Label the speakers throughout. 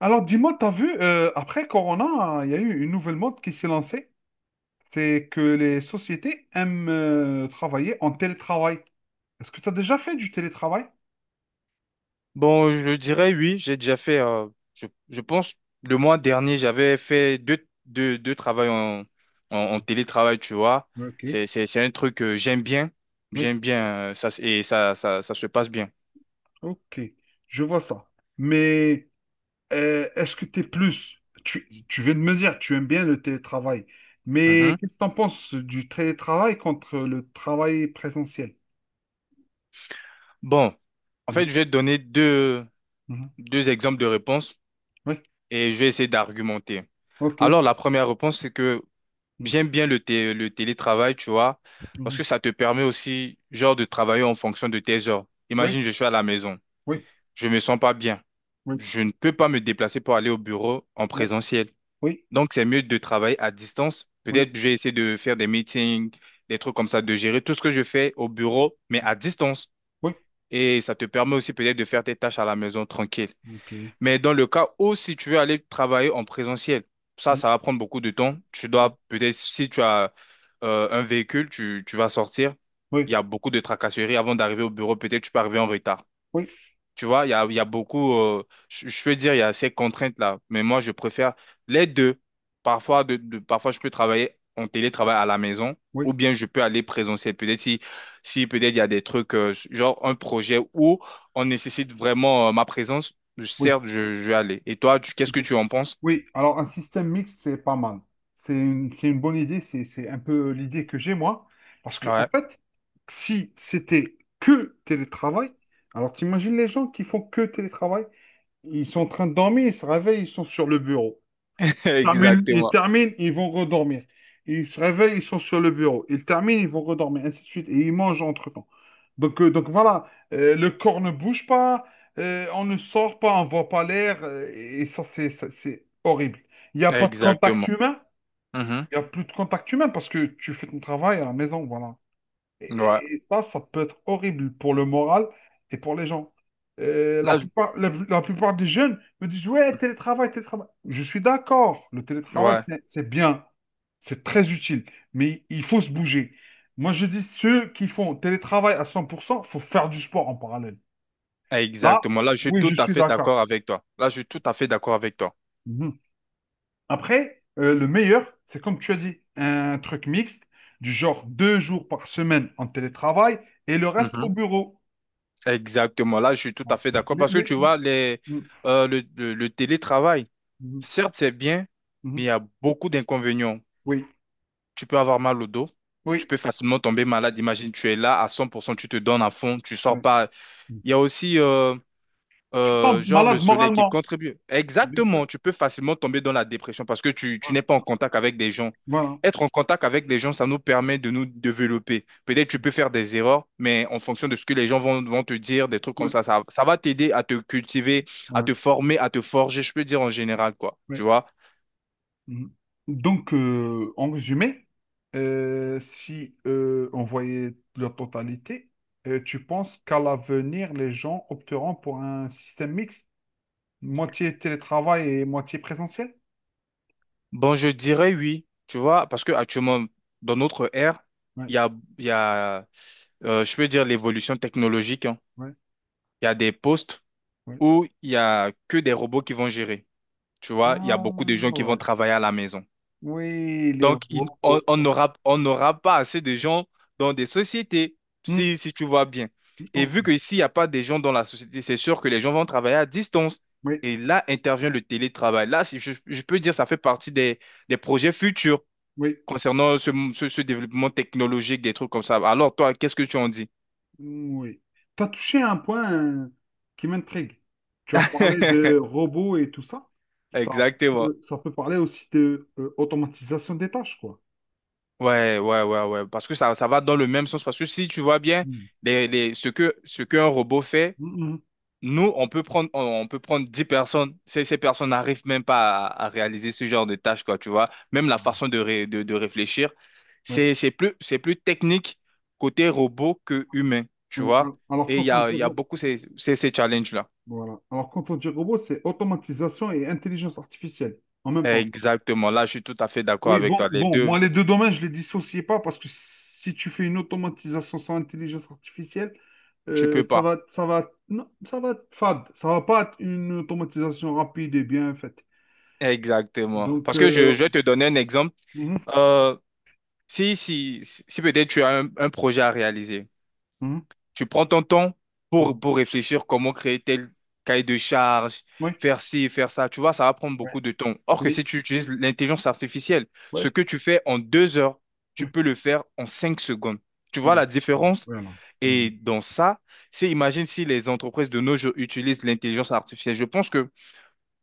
Speaker 1: Alors, dis-moi, t'as vu, après Corona, il y a eu une nouvelle mode qui s'est lancée. C'est que les sociétés aiment travailler en télétravail. Est-ce que tu as déjà fait du télétravail?
Speaker 2: Bon, je dirais oui, j'ai déjà fait, je pense, le mois dernier, j'avais fait deux travails en, en télétravail, tu vois.
Speaker 1: Ok.
Speaker 2: C'est, c'est un truc que j'aime bien,
Speaker 1: Oui,
Speaker 2: j'aime bien, ça, et ça se passe bien.
Speaker 1: ok, je vois ça. Mais est-ce que tu es plus, tu viens de me dire, tu aimes bien le télétravail, mais
Speaker 2: Mhm.
Speaker 1: qu'est-ce que tu en penses du télétravail contre le travail présentiel?
Speaker 2: Bon, en fait,
Speaker 1: Mhm,
Speaker 2: je vais te donner
Speaker 1: mhm.
Speaker 2: deux exemples de réponses
Speaker 1: Oui,
Speaker 2: et je vais essayer d'argumenter.
Speaker 1: ok.
Speaker 2: Alors, la première réponse, c'est que
Speaker 1: Mhm,
Speaker 2: j'aime bien le télétravail, tu vois, parce
Speaker 1: mhm.
Speaker 2: que ça te permet aussi, genre, de travailler en fonction de tes heures.
Speaker 1: Oui,
Speaker 2: Imagine, je suis à la maison.
Speaker 1: oui,
Speaker 2: Je me sens pas bien.
Speaker 1: oui,
Speaker 2: Je ne peux pas me déplacer pour aller au bureau en
Speaker 1: oui,
Speaker 2: présentiel.
Speaker 1: oui,
Speaker 2: Donc, c'est mieux de travailler à distance.
Speaker 1: oui,
Speaker 2: Peut-être je vais essayer de faire des meetings, des trucs comme ça, de gérer tout ce que je fais au bureau, mais à distance.
Speaker 1: oui.
Speaker 2: Et ça te permet aussi peut-être de faire tes tâches à la maison tranquille.
Speaker 1: Ok.
Speaker 2: Mais dans le cas où si tu veux aller travailler en présentiel, ça,
Speaker 1: Mm.
Speaker 2: ça va prendre beaucoup de temps. Tu dois peut-être, si tu as un véhicule, tu vas sortir. Il
Speaker 1: Oui,
Speaker 2: y a beaucoup de tracasseries avant d'arriver au bureau. Peut-être tu peux arriver en retard.
Speaker 1: oui,
Speaker 2: Tu vois, il y a beaucoup, je peux dire, il y a ces contraintes-là, mais moi, je préfère les deux. Parfois, parfois, je peux travailler en télétravail à la maison
Speaker 1: oui,
Speaker 2: ou bien je peux aller présentiel. Peut-être si peut-être il y a des trucs, genre un projet où on nécessite vraiment, ma présence,
Speaker 1: oui,
Speaker 2: certes, je vais aller. Et toi, qu'est-ce que
Speaker 1: ok.
Speaker 2: tu en penses?
Speaker 1: Oui, alors un système mixte, c'est pas mal. C'est une bonne idée, c'est un peu l'idée que j'ai moi. Parce que, en
Speaker 2: Ouais,
Speaker 1: fait, si c'était que télétravail, alors t'imagines les gens qui font que télétravail, ils sont en train de dormir, ils se réveillent, ils sont sur le bureau. Terminent, ils
Speaker 2: exactement.
Speaker 1: terminent, ils vont redormir. Ils se réveillent, ils sont sur le bureau. Ils terminent, ils vont redormir, ainsi de suite. Et ils mangent entre-temps. Donc voilà. Le corps ne bouge pas, on ne sort pas, on ne voit pas l'air. Et ça, c'est horrible. Il n'y a pas de contact
Speaker 2: Exactement.
Speaker 1: humain. Il n'y a plus de contact humain parce que tu fais ton travail à la maison, voilà.
Speaker 2: Mhm. Ouais.
Speaker 1: Et ça, ça peut être horrible pour le moral et pour les gens. Euh, la
Speaker 2: Là,
Speaker 1: plupart, la, la plupart des jeunes me disent, ouais, télétravail, télétravail. Je suis d'accord, le télétravail,
Speaker 2: ouais,
Speaker 1: c'est bien, c'est très utile, mais il faut se bouger. Moi, je dis, ceux qui font télétravail à 100%, il faut faire du sport en parallèle. Là,
Speaker 2: exactement. Là, je suis
Speaker 1: oui, je
Speaker 2: tout à
Speaker 1: suis
Speaker 2: fait
Speaker 1: d'accord.
Speaker 2: d'accord avec toi. Là, je suis tout à fait d'accord avec toi.
Speaker 1: Mhm. Après, le meilleur, c'est comme tu as dit, un truc mixte, du genre 2 jours par semaine en télétravail et le reste au bureau.
Speaker 2: Exactement, là je suis tout à
Speaker 1: Bon.
Speaker 2: fait d'accord
Speaker 1: Les,
Speaker 2: parce que
Speaker 1: les-
Speaker 2: tu vois,
Speaker 1: Mhm,
Speaker 2: le télétravail,
Speaker 1: mhm,
Speaker 2: certes c'est bien,
Speaker 1: mhm.
Speaker 2: mais il y a beaucoup d'inconvénients.
Speaker 1: Oui,
Speaker 2: Tu peux avoir mal au dos, tu
Speaker 1: oui,
Speaker 2: peux facilement tomber malade. Imagine, tu es là à 100%, tu te donnes à fond, tu sors
Speaker 1: ouais.
Speaker 2: pas.
Speaker 1: Mm.
Speaker 2: Il y a aussi,
Speaker 1: Tu tombes
Speaker 2: genre le
Speaker 1: malade
Speaker 2: soleil qui
Speaker 1: moralement,
Speaker 2: contribue.
Speaker 1: bien sûr.
Speaker 2: Exactement, tu peux facilement tomber dans la dépression parce que tu
Speaker 1: Ouais.
Speaker 2: n'es pas en contact avec des gens.
Speaker 1: Voilà.
Speaker 2: Être en contact avec des gens, ça nous permet de nous développer. Peut-être tu peux faire des erreurs, mais en fonction de ce que les gens vont te dire, des trucs comme
Speaker 1: Ouais,
Speaker 2: ça, ça va t'aider à te cultiver, à
Speaker 1: ouais,
Speaker 2: te former, à te forger, je peux dire en général, quoi. Tu
Speaker 1: ouais.
Speaker 2: vois?
Speaker 1: Mhm. Donc, en résumé, si on voyait la totalité, tu penses qu'à l'avenir, les gens opteront pour un système mixte, moitié télétravail et moitié présentiel?
Speaker 2: Bon, je dirais oui, tu vois, parce que actuellement, dans notre ère,
Speaker 1: Ouais,
Speaker 2: il y a, il y a je peux dire l'évolution technologique, hein.
Speaker 1: ouais,
Speaker 2: Il y a des postes
Speaker 1: ouais.
Speaker 2: où il y a que des robots qui vont gérer. Tu vois, il y a
Speaker 1: Ah,
Speaker 2: beaucoup de gens qui vont
Speaker 1: ouais.
Speaker 2: travailler à la maison.
Speaker 1: Oui, les
Speaker 2: Donc, il- on
Speaker 1: robots.
Speaker 2: on
Speaker 1: Ouais.
Speaker 2: n'aura on n'aura pas assez de gens dans des sociétés,
Speaker 1: Mm,
Speaker 2: si tu vois bien. Et
Speaker 1: ok.
Speaker 2: vu que s'il n'y a pas des gens dans la société, c'est sûr que les gens vont travailler à distance.
Speaker 1: Oui,
Speaker 2: Et là intervient le télétravail. Là, si je peux dire, ça fait partie des, projets futurs
Speaker 1: oui.
Speaker 2: concernant ce développement technologique, des trucs comme ça. Alors, toi, qu'est-ce que tu en dis?
Speaker 1: Oui. Tu as touché un point qui m'intrigue. Tu as parlé de robots et tout ça. Ça
Speaker 2: Exactement.
Speaker 1: ça peut parler aussi de automatisation des tâches, quoi.
Speaker 2: Ouais, ouais, ouais, ouais. Parce que ça va dans le même sens. Parce que si tu vois bien
Speaker 1: Mm.
Speaker 2: ce qu'un robot fait,
Speaker 1: Mm,
Speaker 2: nous, on peut prendre 10 personnes. Ces personnes n'arrivent même pas à réaliser ce genre de tâches, quoi, tu vois. Même la
Speaker 1: mm.
Speaker 2: façon de réfléchir,
Speaker 1: Ouais,
Speaker 2: c'est plus technique côté robot que humain, tu
Speaker 1: ouais. Al-
Speaker 2: vois.
Speaker 1: Alors,
Speaker 2: Et il
Speaker 1: quand
Speaker 2: y
Speaker 1: on
Speaker 2: a,
Speaker 1: dit,
Speaker 2: il y a
Speaker 1: ro-
Speaker 2: beaucoup ces challenges-là.
Speaker 1: voilà. Alors, quand on dit robot, c'est automatisation et intelligence artificielle en même temps.
Speaker 2: Exactement. Là, je suis tout à fait d'accord
Speaker 1: Oui,
Speaker 2: avec
Speaker 1: bon,
Speaker 2: toi. Les
Speaker 1: bon,
Speaker 2: deux,
Speaker 1: moi, les deux domaines, je les dissociais pas parce que si tu fais une automatisation sans intelligence artificielle,
Speaker 2: tu peux pas.
Speaker 1: non, ça va être fade. Ça va pas être une automatisation rapide et bien faite.
Speaker 2: Exactement.
Speaker 1: Donc,
Speaker 2: Parce que je,
Speaker 1: euh,
Speaker 2: je vais te donner un exemple.
Speaker 1: mhm,
Speaker 2: Euh, si peut-être tu as un projet à réaliser,
Speaker 1: mhm,
Speaker 2: tu prends ton temps
Speaker 1: mhm.
Speaker 2: pour réfléchir comment créer tel cahier de charge,
Speaker 1: Oui,
Speaker 2: faire ci, faire ça. Tu vois, ça va prendre
Speaker 1: ouais,
Speaker 2: beaucoup de temps. Or que
Speaker 1: oui,
Speaker 2: si tu utilises l'intelligence artificielle, ce
Speaker 1: ouais,
Speaker 2: que tu fais en 2 heures, tu
Speaker 1: oui,
Speaker 2: peux le faire en 5 secondes. Tu vois
Speaker 1: oui,
Speaker 2: la
Speaker 1: voilà.
Speaker 2: différence?
Speaker 1: Voilà.
Speaker 2: Et
Speaker 1: Mhm.
Speaker 2: dans ça, c'est imagine si les entreprises de nos jours utilisent l'intelligence artificielle. Je pense que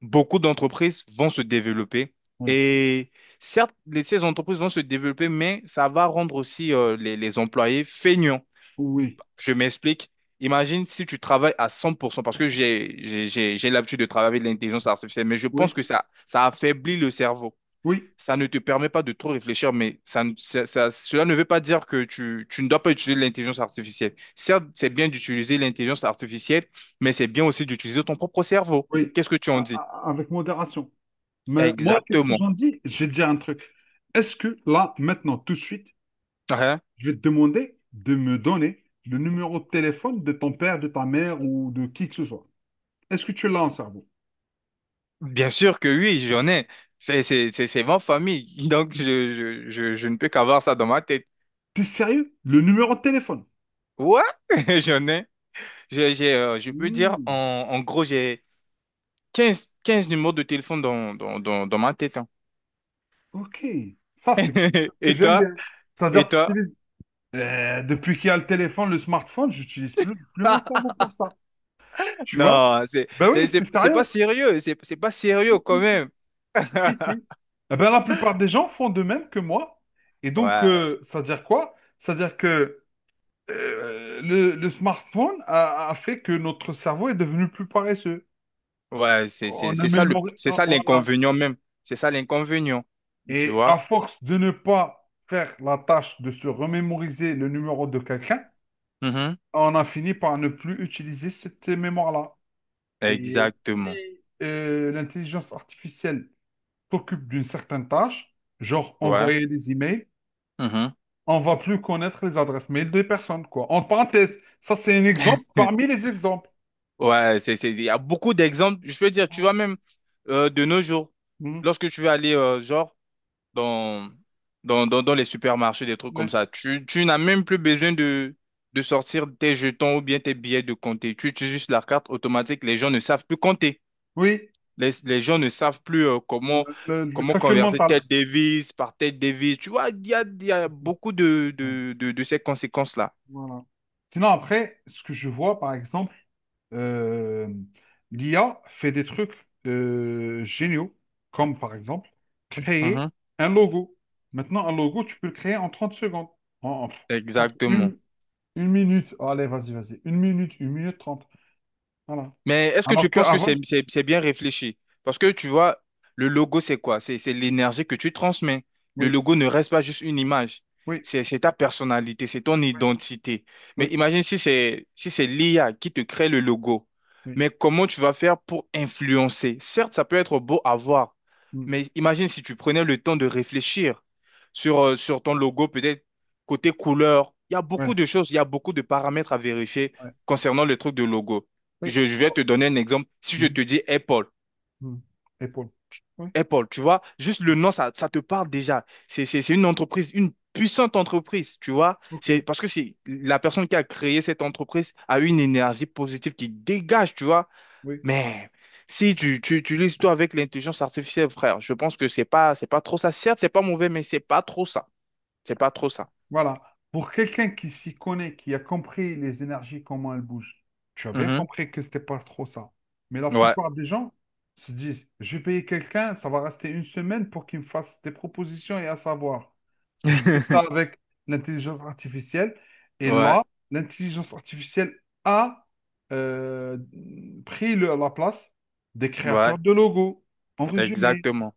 Speaker 2: beaucoup d'entreprises vont se développer.
Speaker 1: Oui,
Speaker 2: Et certes, ces entreprises vont se développer, mais ça va rendre aussi les employés feignants.
Speaker 1: oui,
Speaker 2: Je m'explique. Imagine si tu travailles à 100%, parce que j'ai l'habitude de travailler avec l'intelligence artificielle, mais je
Speaker 1: oui,
Speaker 2: pense que ça affaiblit le cerveau.
Speaker 1: oui,
Speaker 2: Ça ne te permet pas de trop réfléchir, mais ça, ne- ça- ça- cela ne veut pas dire que tu ne dois pas utiliser l'intelligence artificielle. Certes, c'est bien d'utiliser l'intelligence artificielle, mais c'est bien aussi d'utiliser ton propre cerveau.
Speaker 1: oui.
Speaker 2: Qu'est-ce que tu en dis?
Speaker 1: Avec modération. Mais moi, qu'est-ce que
Speaker 2: Exactement.
Speaker 1: j'en dis? Je vais te dire un truc. Est-ce que là, maintenant, tout de suite,
Speaker 2: Hein?
Speaker 1: je vais te demander de me donner le numéro de téléphone de ton père, de ta mère ou de qui que ce soit. Est-ce que tu l'as en cerveau?
Speaker 2: Bien sûr que oui, j'en ai. C'est ma famille. Donc, je ne peux qu'avoir ça dans ma tête.
Speaker 1: T'es sérieux? Le numéro de téléphone?
Speaker 2: Ouais, j'en ai. Je peux dire,
Speaker 1: Hmm,
Speaker 2: en gros, j'ai 15 numéros de téléphone dans ma tête, hein.
Speaker 1: ok. Ça, c'est quelque chose que
Speaker 2: Et
Speaker 1: j'aime
Speaker 2: toi?
Speaker 1: bien.
Speaker 2: Et
Speaker 1: C'est-à-dire que
Speaker 2: toi?
Speaker 1: j'utilise- Depuis qu'il y a le téléphone, le smartphone, j'utilise plus mon cerveau pour ça. Tu vois?
Speaker 2: Non,
Speaker 1: Ben oui, c'est
Speaker 2: c'est pas
Speaker 1: sérieux.
Speaker 2: sérieux. C'est pas sérieux quand même.
Speaker 1: Si, si, si. Eh ben, la plupart des gens font de même que moi. Et donc,
Speaker 2: Ouais,
Speaker 1: ça veut dire quoi? Ça veut dire que le smartphone a fait que notre cerveau est devenu plus paresseux.
Speaker 2: ouais,
Speaker 1: On a mémorisé.
Speaker 2: c'est ça
Speaker 1: Voilà.
Speaker 2: l'inconvénient même. C'est ça l'inconvénient. Tu
Speaker 1: Et à
Speaker 2: vois?
Speaker 1: force de ne pas faire la tâche de se remémoriser le numéro de quelqu'un,
Speaker 2: Mhm.
Speaker 1: on a fini par ne plus utiliser cette mémoire-là. Et
Speaker 2: Exactement.
Speaker 1: si l'intelligence artificielle s'occupe d'une certaine tâche, genre
Speaker 2: Ouais.
Speaker 1: envoyer des emails,
Speaker 2: Mhm.
Speaker 1: on va plus connaître les adresses mail des personnes, quoi. En parenthèse, ça c'est un exemple parmi les exemples.
Speaker 2: Ouais, il y a beaucoup d'exemples. Je peux dire, tu vois
Speaker 1: Ah.
Speaker 2: même de nos jours,
Speaker 1: Mhm.
Speaker 2: lorsque tu vas aller genre dans, dans les supermarchés, des trucs comme
Speaker 1: Mais-
Speaker 2: ça, tu n'as même plus besoin de sortir tes jetons ou bien tes billets de compter. Tu utilises juste la carte automatique. Les gens ne savent plus compter.
Speaker 1: Oui.
Speaker 2: Les gens ne savent plus comment,
Speaker 1: Le
Speaker 2: comment
Speaker 1: calcul
Speaker 2: converser
Speaker 1: mental.
Speaker 2: telle devise par telle devise. Tu vois, il y a beaucoup
Speaker 1: Ouais.
Speaker 2: de ces conséquences-là.
Speaker 1: Voilà. Sinon, après, ce que je vois, par exemple, euh, l'IA fait des trucs géniaux, comme par exemple créer
Speaker 2: Mhm.
Speaker 1: un logo. Maintenant, un logo, tu peux le créer en 30 secondes. En- en- Entre
Speaker 2: Exactement.
Speaker 1: une minute. Oh, allez, vas-y, vas-y. Une minute, 1 minute 30. Voilà.
Speaker 2: Mais est-ce que
Speaker 1: Alors
Speaker 2: tu penses que
Speaker 1: qu'avant,
Speaker 2: c'est bien réfléchi? Parce que tu vois, le logo, c'est quoi? C'est l'énergie que tu transmets. Le
Speaker 1: oui,
Speaker 2: logo ne reste pas juste une image.
Speaker 1: oui,
Speaker 2: C'est ta personnalité, c'est ton
Speaker 1: oui,
Speaker 2: identité. Mais
Speaker 1: oui,
Speaker 2: imagine si c'est l'IA qui te crée le logo.
Speaker 1: oui,
Speaker 2: Mais comment tu vas faire pour influencer? Certes, ça peut être beau à voir,
Speaker 1: hmm,
Speaker 2: mais imagine si tu prenais le temps de réfléchir sur ton logo, peut-être côté couleur. Il y a beaucoup
Speaker 1: ouais,
Speaker 2: de choses, il y a beaucoup de paramètres à vérifier
Speaker 1: ouais,
Speaker 2: concernant le truc de logo.
Speaker 1: oui.
Speaker 2: Je vais
Speaker 1: Oh,
Speaker 2: te donner un exemple. Si je
Speaker 1: hmm,
Speaker 2: te dis Apple,
Speaker 1: hmm. Épaule. Oui,
Speaker 2: Apple, tu vois, juste le nom, ça te parle déjà. C'est une entreprise, une puissante entreprise, tu vois.
Speaker 1: ok,
Speaker 2: C'est parce que c'est la personne qui a créé cette entreprise a une énergie positive qui dégage, tu vois.
Speaker 1: oui.
Speaker 2: Mais si tu utilises tout avec l'intelligence artificielle, frère, je pense que c'est pas trop ça. Certes, c'est pas mauvais, mais c'est pas trop ça. C'est pas trop ça.
Speaker 1: Voilà. Pour quelqu'un qui s'y connaît, qui a compris les énergies, comment elles bougent, tu as bien
Speaker 2: Mhm.
Speaker 1: compris que c'était pas trop ça. Mais la
Speaker 2: Ouais.
Speaker 1: plupart des gens se disent, je vais payer quelqu'un, ça va rester une semaine pour qu'il me fasse des propositions et à savoir. Je fais ça avec l'intelligence artificielle. Et
Speaker 2: Ouais,
Speaker 1: là, l'intelligence artificielle a euh, pris la place des
Speaker 2: ouais,
Speaker 1: créateurs de logos. En résumé,
Speaker 2: exactement.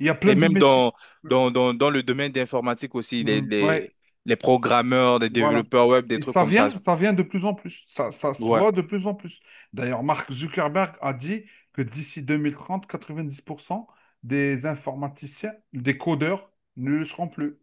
Speaker 1: il y a plein
Speaker 2: Et
Speaker 1: de
Speaker 2: même
Speaker 1: métiers.
Speaker 2: dans le domaine d'informatique aussi,
Speaker 1: Mm, ouais.
Speaker 2: les programmeurs, les
Speaker 1: Voilà.
Speaker 2: développeurs web, des
Speaker 1: Et
Speaker 2: trucs comme ça.
Speaker 1: ça vient de plus en plus. Ça se
Speaker 2: Ouais,
Speaker 1: voit de plus en plus. D'ailleurs, Mark Zuckerberg a dit que d'ici 2030 90% des informaticiens, des codeurs ne le seront plus.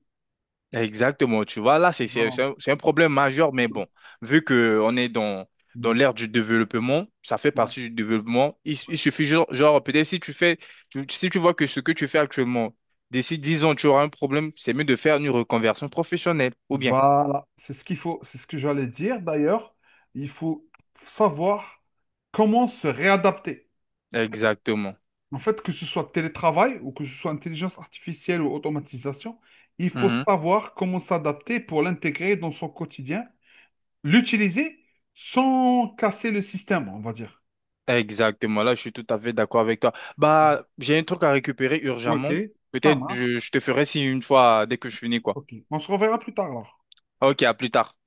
Speaker 2: exactement. Tu vois, là,
Speaker 1: Voilà.
Speaker 2: c'est un problème majeur,
Speaker 1: C'est
Speaker 2: mais
Speaker 1: tout.
Speaker 2: bon, vu qu'on est dans
Speaker 1: Mm.
Speaker 2: l'ère du développement, ça fait
Speaker 1: Ouais.
Speaker 2: partie du développement. Il
Speaker 1: Ouais.
Speaker 2: suffit, genre, peut-être si tu vois que ce que tu fais actuellement, d'ici 10 ans, tu auras un problème, c'est mieux de faire une reconversion professionnelle, ou bien.
Speaker 1: Voilà. C'est ce qu'il faut. C'est ce que j'allais dire. D'ailleurs, il faut savoir comment se réadapter.
Speaker 2: Exactement.
Speaker 1: En fait, que ce soit télétravail ou que ce soit intelligence artificielle ou automatisation, il faut savoir comment s'adapter pour l'intégrer dans son quotidien, l'utiliser sans casser le système, on va dire.
Speaker 2: Exactement, là je suis tout à fait d'accord avec toi. Bah, j'ai un truc à récupérer
Speaker 1: Ok,
Speaker 2: urgemment.
Speaker 1: ça
Speaker 2: Peut-être
Speaker 1: marche.
Speaker 2: je te ferai si une fois dès que je finis quoi.
Speaker 1: Ok, on se reverra plus tard alors.
Speaker 2: Ok, à plus tard.